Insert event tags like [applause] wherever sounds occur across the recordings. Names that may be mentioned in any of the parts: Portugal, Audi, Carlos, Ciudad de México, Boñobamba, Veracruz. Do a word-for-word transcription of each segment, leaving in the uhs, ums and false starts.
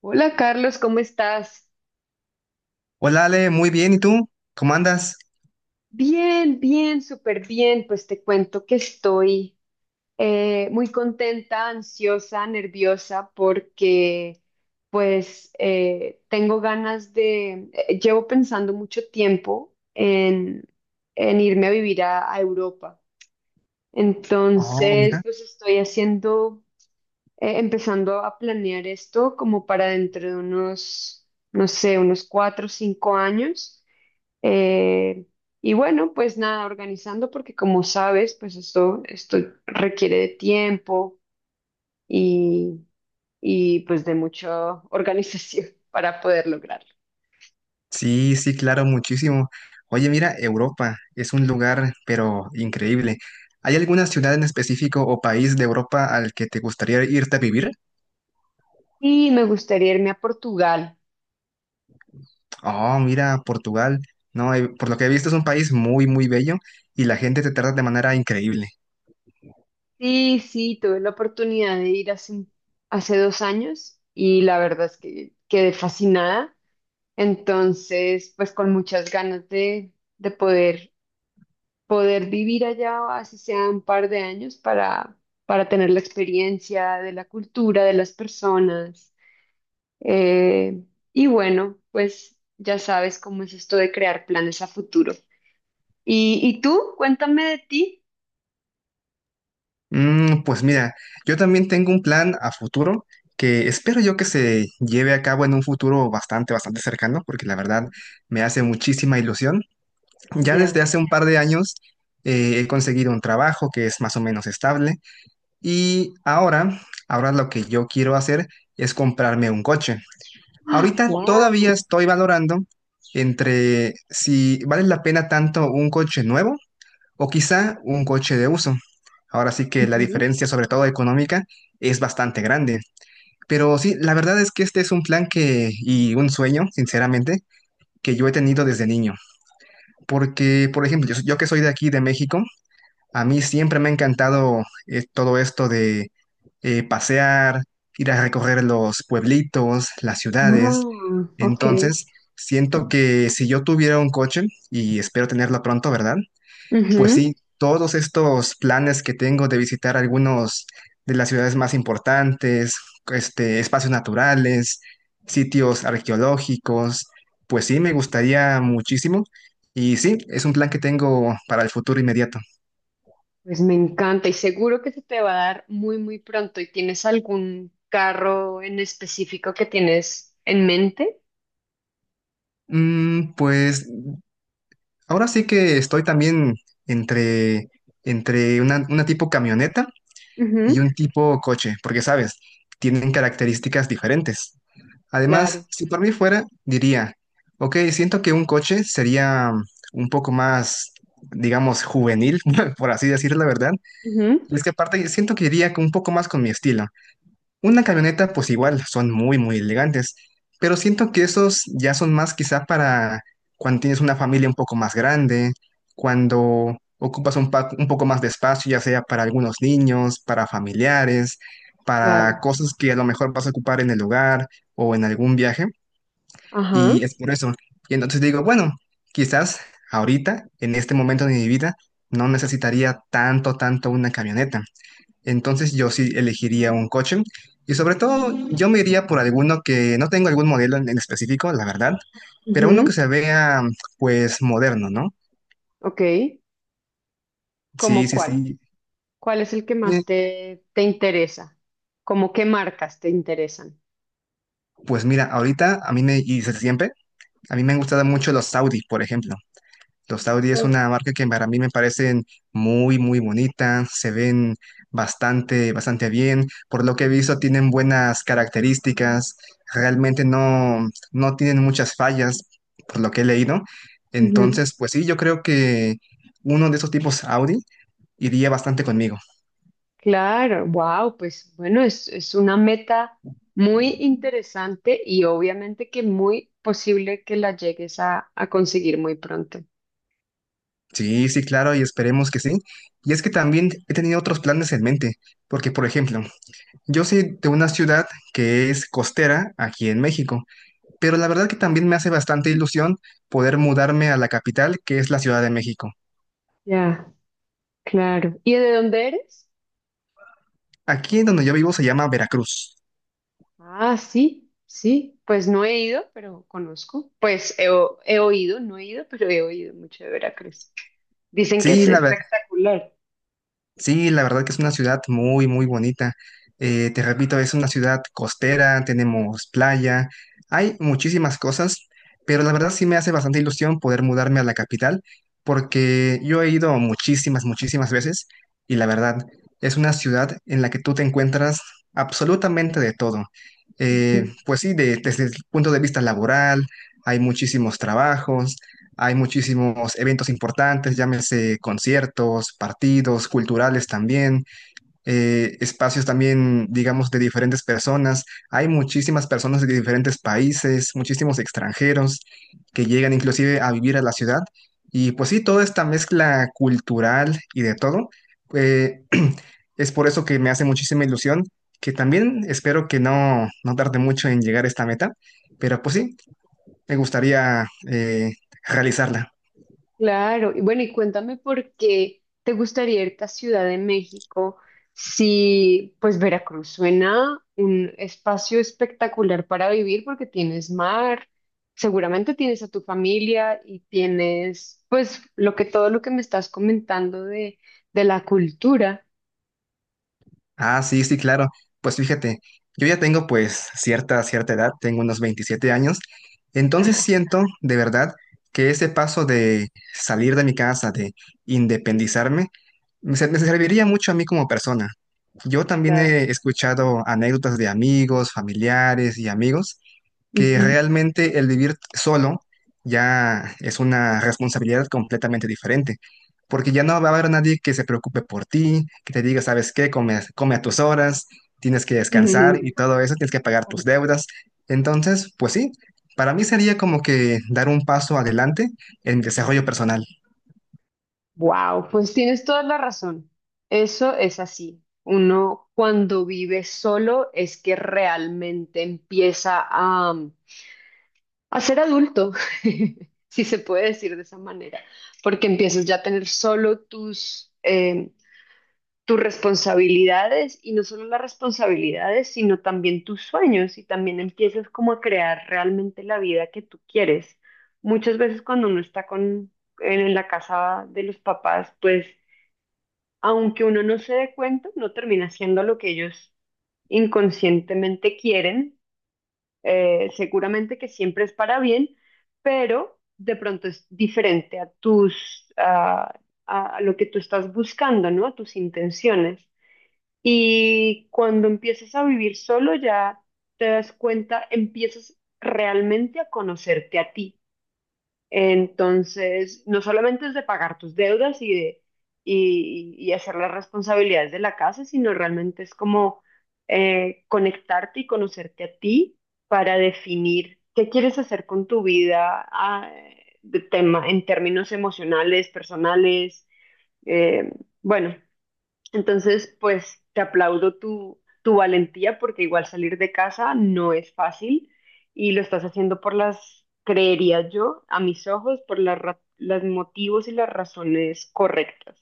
Hola Carlos, ¿cómo estás? Hola Ale, muy bien, ¿y tú? ¿Cómo andas? Bien, bien, súper bien. Pues te cuento que estoy eh, muy contenta, ansiosa, nerviosa porque pues eh, tengo ganas de, eh, llevo pensando mucho tiempo en, en irme a vivir a, a Europa. Oh, Entonces, mira. pues estoy haciendo, eh, empezando a planear esto como para dentro de unos, no sé, unos cuatro o cinco años. Eh, y bueno, pues nada, organizando porque como sabes, pues esto, esto requiere de tiempo y, y pues de mucha organización [laughs] para poder lograrlo. Sí, sí, claro, muchísimo. Oye, mira, Europa es un lugar, pero increíble. ¿Hay alguna ciudad en específico o país de Europa al que te gustaría irte a vivir? Y me gustaría irme a Portugal. Oh, mira, Portugal. No, eh, por lo que he visto es un país muy, muy bello y la gente te trata de manera increíble. Sí, sí, tuve la oportunidad de ir hace, un- hace dos años y la verdad es que quedé fascinada. Entonces, pues con muchas ganas de, de poder poder vivir allá, así sea un par de años, para, para tener la experiencia de la cultura, de las personas. Eh, y bueno, pues ya sabes cómo es esto de crear planes a futuro. ¿Y, y tú? Cuéntame de ti. Mm, pues mira, yo también tengo un plan a futuro que espero yo que se lleve a cabo en un futuro bastante, bastante cercano, porque la verdad me hace muchísima ilusión. Ya desde Ya. hace un par de años eh, he conseguido un trabajo que es más o menos estable y ahora, ahora lo que yo quiero hacer es comprarme un coche. [gasps] Ahorita Wow. todavía estoy valorando entre si vale la pena tanto un coche nuevo o quizá un coche de uso. Ahora sí que la diferencia, sobre todo económica, es bastante grande. Pero sí, la verdad es que este es un plan que y un sueño, sinceramente, que yo he tenido desde niño. Porque, por ejemplo, yo, yo que soy de aquí, de México, a mí siempre me ha encantado eh, todo esto de eh, pasear, ir a recorrer los pueblitos, las ciudades. Wow. Ok. Entonces, siento que si yo tuviera un coche, y espero tenerlo pronto, ¿verdad? Pues Ujú. sí, todos estos planes que tengo de visitar algunos de las ciudades más importantes, este, espacios naturales, sitios arqueológicos, pues sí, me gustaría muchísimo. Y sí, es un plan que tengo para el futuro inmediato. Pues me encanta y seguro que se te va a dar muy, muy pronto. ¿Y tienes algún carro en específico que tienes en mente? Mm, pues ahora sí que estoy también entre, entre una, una tipo camioneta y un Ujú. tipo coche, porque sabes, tienen características diferentes. Además, Claro. si por mí fuera, diría, ok, siento que un coche sería un poco más, digamos, juvenil, [laughs] por así decir la verdad. Ujú. Y es que aparte siento que iría un poco más con mi estilo. Una camioneta, pues igual, son muy, muy elegantes, pero siento que esos ya son más quizá para cuando tienes una familia un poco más grande, cuando ocupas un, pa- un poco más de espacio, ya sea para algunos niños, para familiares, para Claro. cosas que a lo mejor vas a ocupar en el hogar o en algún viaje, Ajá. y es por eso. Y entonces digo, bueno, quizás ahorita, en este momento de mi vida, no necesitaría tanto, tanto una camioneta. Entonces yo sí elegiría un coche y sobre todo yo me iría por alguno que no tengo algún modelo en en específico, la verdad, pero uno Ujú. que se vea pues moderno, ¿no? Ok. Sí, ¿Cómo sí, cuál? sí. ¿Cuál es el que Eh, más te, te interesa? ¿Cómo qué marcas te interesan? Pues mira, ahorita a mí me, y desde siempre, a mí me han gustado mucho los Audi, por ejemplo. Los Audi es Ah. una marca que para mí me parecen muy, muy bonita, se ven bastante, bastante bien. Por lo que he visto, tienen buenas características, realmente no, no tienen muchas fallas, por lo que he leído. Ujú. Entonces, pues sí, yo creo que uno de esos tipos Audi iría bastante conmigo. Claro, wow, pues bueno, es, es una meta muy interesante y obviamente que muy posible que la llegues a, a conseguir muy pronto. Sí, sí, claro, y esperemos que sí. Y es que también he tenido otros planes en mente, porque, por ejemplo, yo soy de una ciudad que es costera aquí en México. Pero la verdad que también me hace bastante ilusión poder mudarme a la capital, que es la Ciudad de México. Ya, claro. ¿Y de dónde eres? Aquí en donde yo vivo se llama Veracruz. Ah, sí, sí, pues no he ido, pero conozco. Pues he, o- he oído, no he ido, pero he oído mucho de Veracruz. Dicen que es Sí, la, ver- espectacular. Sí, la verdad que es una ciudad muy, muy bonita. Eh, te repito, es una ciudad costera, tenemos playa, hay muchísimas cosas, pero la verdad sí me hace bastante ilusión poder mudarme a la capital, porque yo he ido muchísimas, muchísimas veces y la verdad es una ciudad en la que tú te encuentras absolutamente de todo. Ujú. Eh, pues sí, de- desde el punto de vista laboral, hay muchísimos trabajos, hay muchísimos eventos importantes, llámese conciertos, partidos, culturales también, eh, espacios también, digamos, de diferentes personas. Hay muchísimas personas de diferentes países, muchísimos extranjeros que llegan inclusive a vivir a la ciudad. Y pues sí, toda esta mezcla cultural y de todo, eh, [clears throat] es por eso que me hace muchísima ilusión, que también espero que no, no tarde mucho en llegar a esta meta, pero pues sí, me gustaría eh, realizarla. Claro, y bueno, y cuéntame por qué te gustaría irte a Ciudad de México si pues Veracruz suena un espacio espectacular para vivir porque tienes mar, seguramente tienes a tu familia y tienes pues lo que todo lo que me estás comentando de, de la cultura. Ah, sí, sí, claro. Pues fíjate, yo ya tengo pues cierta, cierta edad, tengo unos veintisiete años, entonces [laughs] siento de verdad que ese paso de salir de mi casa, de independizarme, me ser- me serviría mucho a mí como persona. Yo también Claro. he escuchado anécdotas de amigos, familiares y amigos que [laughs] realmente el vivir solo ya es una responsabilidad completamente diferente, porque ya no va a haber nadie que se preocupe por ti, que te diga, ¿sabes qué? Come, come a tus horas, tienes que descansar y todo eso, tienes que pagar tus deudas. Entonces, pues sí, para mí sería como que dar un paso adelante en mi desarrollo personal. Wow, pues tienes toda la razón. Eso es así. Uno cuando vive solo es que realmente empieza a, a ser adulto, [laughs] si se puede decir de esa manera, porque empiezas ya a tener solo tus, eh, tus responsabilidades y no solo las responsabilidades, sino también tus sueños y también empiezas como a crear realmente la vida que tú quieres. Muchas veces cuando uno está con, en en la casa de los papás, pues aunque uno no se dé cuenta, no termina haciendo lo que ellos inconscientemente quieren, eh, seguramente que siempre es para bien, pero de pronto es diferente a tus, a, a lo que tú estás buscando, ¿no? A tus intenciones. Y cuando empiezas a vivir solo, ya te das cuenta, empiezas realmente a conocerte a ti. Entonces, no solamente es de pagar tus deudas y de y, y hacer las responsabilidades de la casa, sino realmente es como eh, conectarte y conocerte a ti para definir qué quieres hacer con tu vida ah, de tema, en términos emocionales, personales. eh, bueno, entonces, pues te aplaudo tu, tu valentía porque igual salir de casa no es fácil y lo estás haciendo por las, creería yo, a mis ojos, por las ra- los motivos y las razones correctas.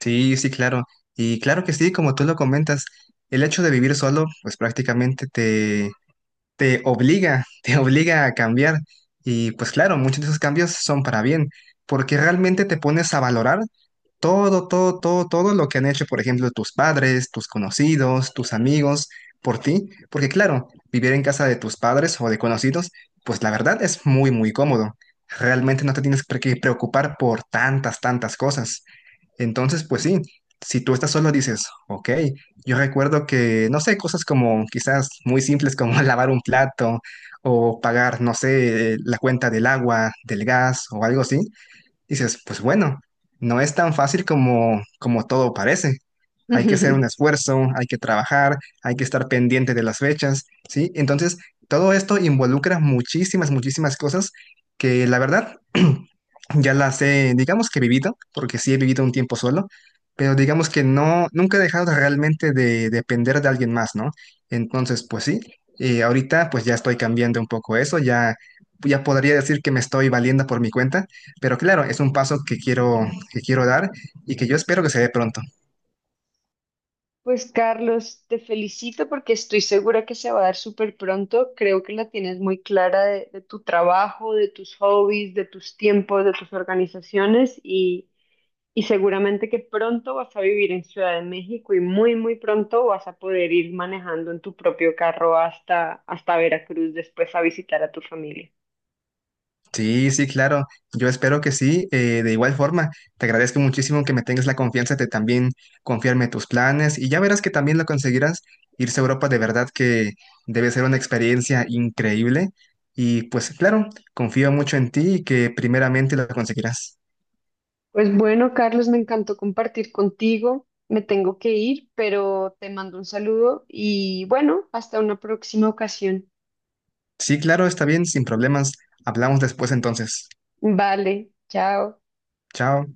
Sí, sí, claro. Y claro que sí, como tú lo comentas, el hecho de vivir solo, pues prácticamente te obliga, [laughs] te obliga a cambiar. Y pues claro, muchos de esos cambios son para bien, porque realmente te pones a valorar todo, todo, todo, todo lo que han hecho, por ejemplo, tus padres, tus conocidos, tus amigos, por ti, porque claro, vivir en casa de tus padres o de conocidos, pues la verdad es muy, muy cómodo. Realmente no te tienes por qué preocupar por tantas, tantas cosas. Entonces, pues sí, si tú estás solo dices, ok, yo recuerdo que, no sé, cosas como quizás muy simples como [laughs] lavar un plato o pagar, no sé, la cuenta del agua, del gas o algo así, dices, pues bueno, no es tan fácil como, como todo parece. Hay que hacer un [laughs] esfuerzo, hay que trabajar, hay que estar pendiente de las fechas, ¿sí? Entonces, todo esto involucra muchísimas, muchísimas cosas que la verdad [clears throat] ya las he, digamos que he vivido, porque sí he vivido un tiempo solo, pero digamos que no, nunca he dejado realmente de depender de alguien más, ¿no? Entonces, pues sí, eh, ahorita pues ya estoy cambiando un poco eso, ya, ya podría decir que me estoy valiendo por mi cuenta, pero claro, es un paso que quiero, que quiero dar y que yo espero que se dé pronto. Pues Carlos, te felicito porque estoy segura que se va a dar súper pronto. Creo que la tienes muy clara de, de tu trabajo, de tus hobbies, de tus tiempos, de tus organizaciones. y Y seguramente que pronto vas a vivir en Ciudad de México y muy, muy pronto vas a poder ir manejando en tu propio carro hasta, hasta Veracruz después a visitar a tu familia. Sí, sí, claro. Yo espero que sí. Eh, de igual forma, te agradezco muchísimo que me tengas la confianza de también confiarme tus planes y ya verás que también lo conseguirás. Irse a Europa de verdad que debe ser una experiencia increíble. Y pues claro, confío mucho en ti y que primeramente lo conseguirás. Pues bueno, Carlos, me encantó compartir contigo. Me tengo que ir, pero te mando un saludo y bueno, hasta una próxima ocasión. Sí, claro, está bien, sin problemas. Hablamos después entonces. Vale, chao. Chao.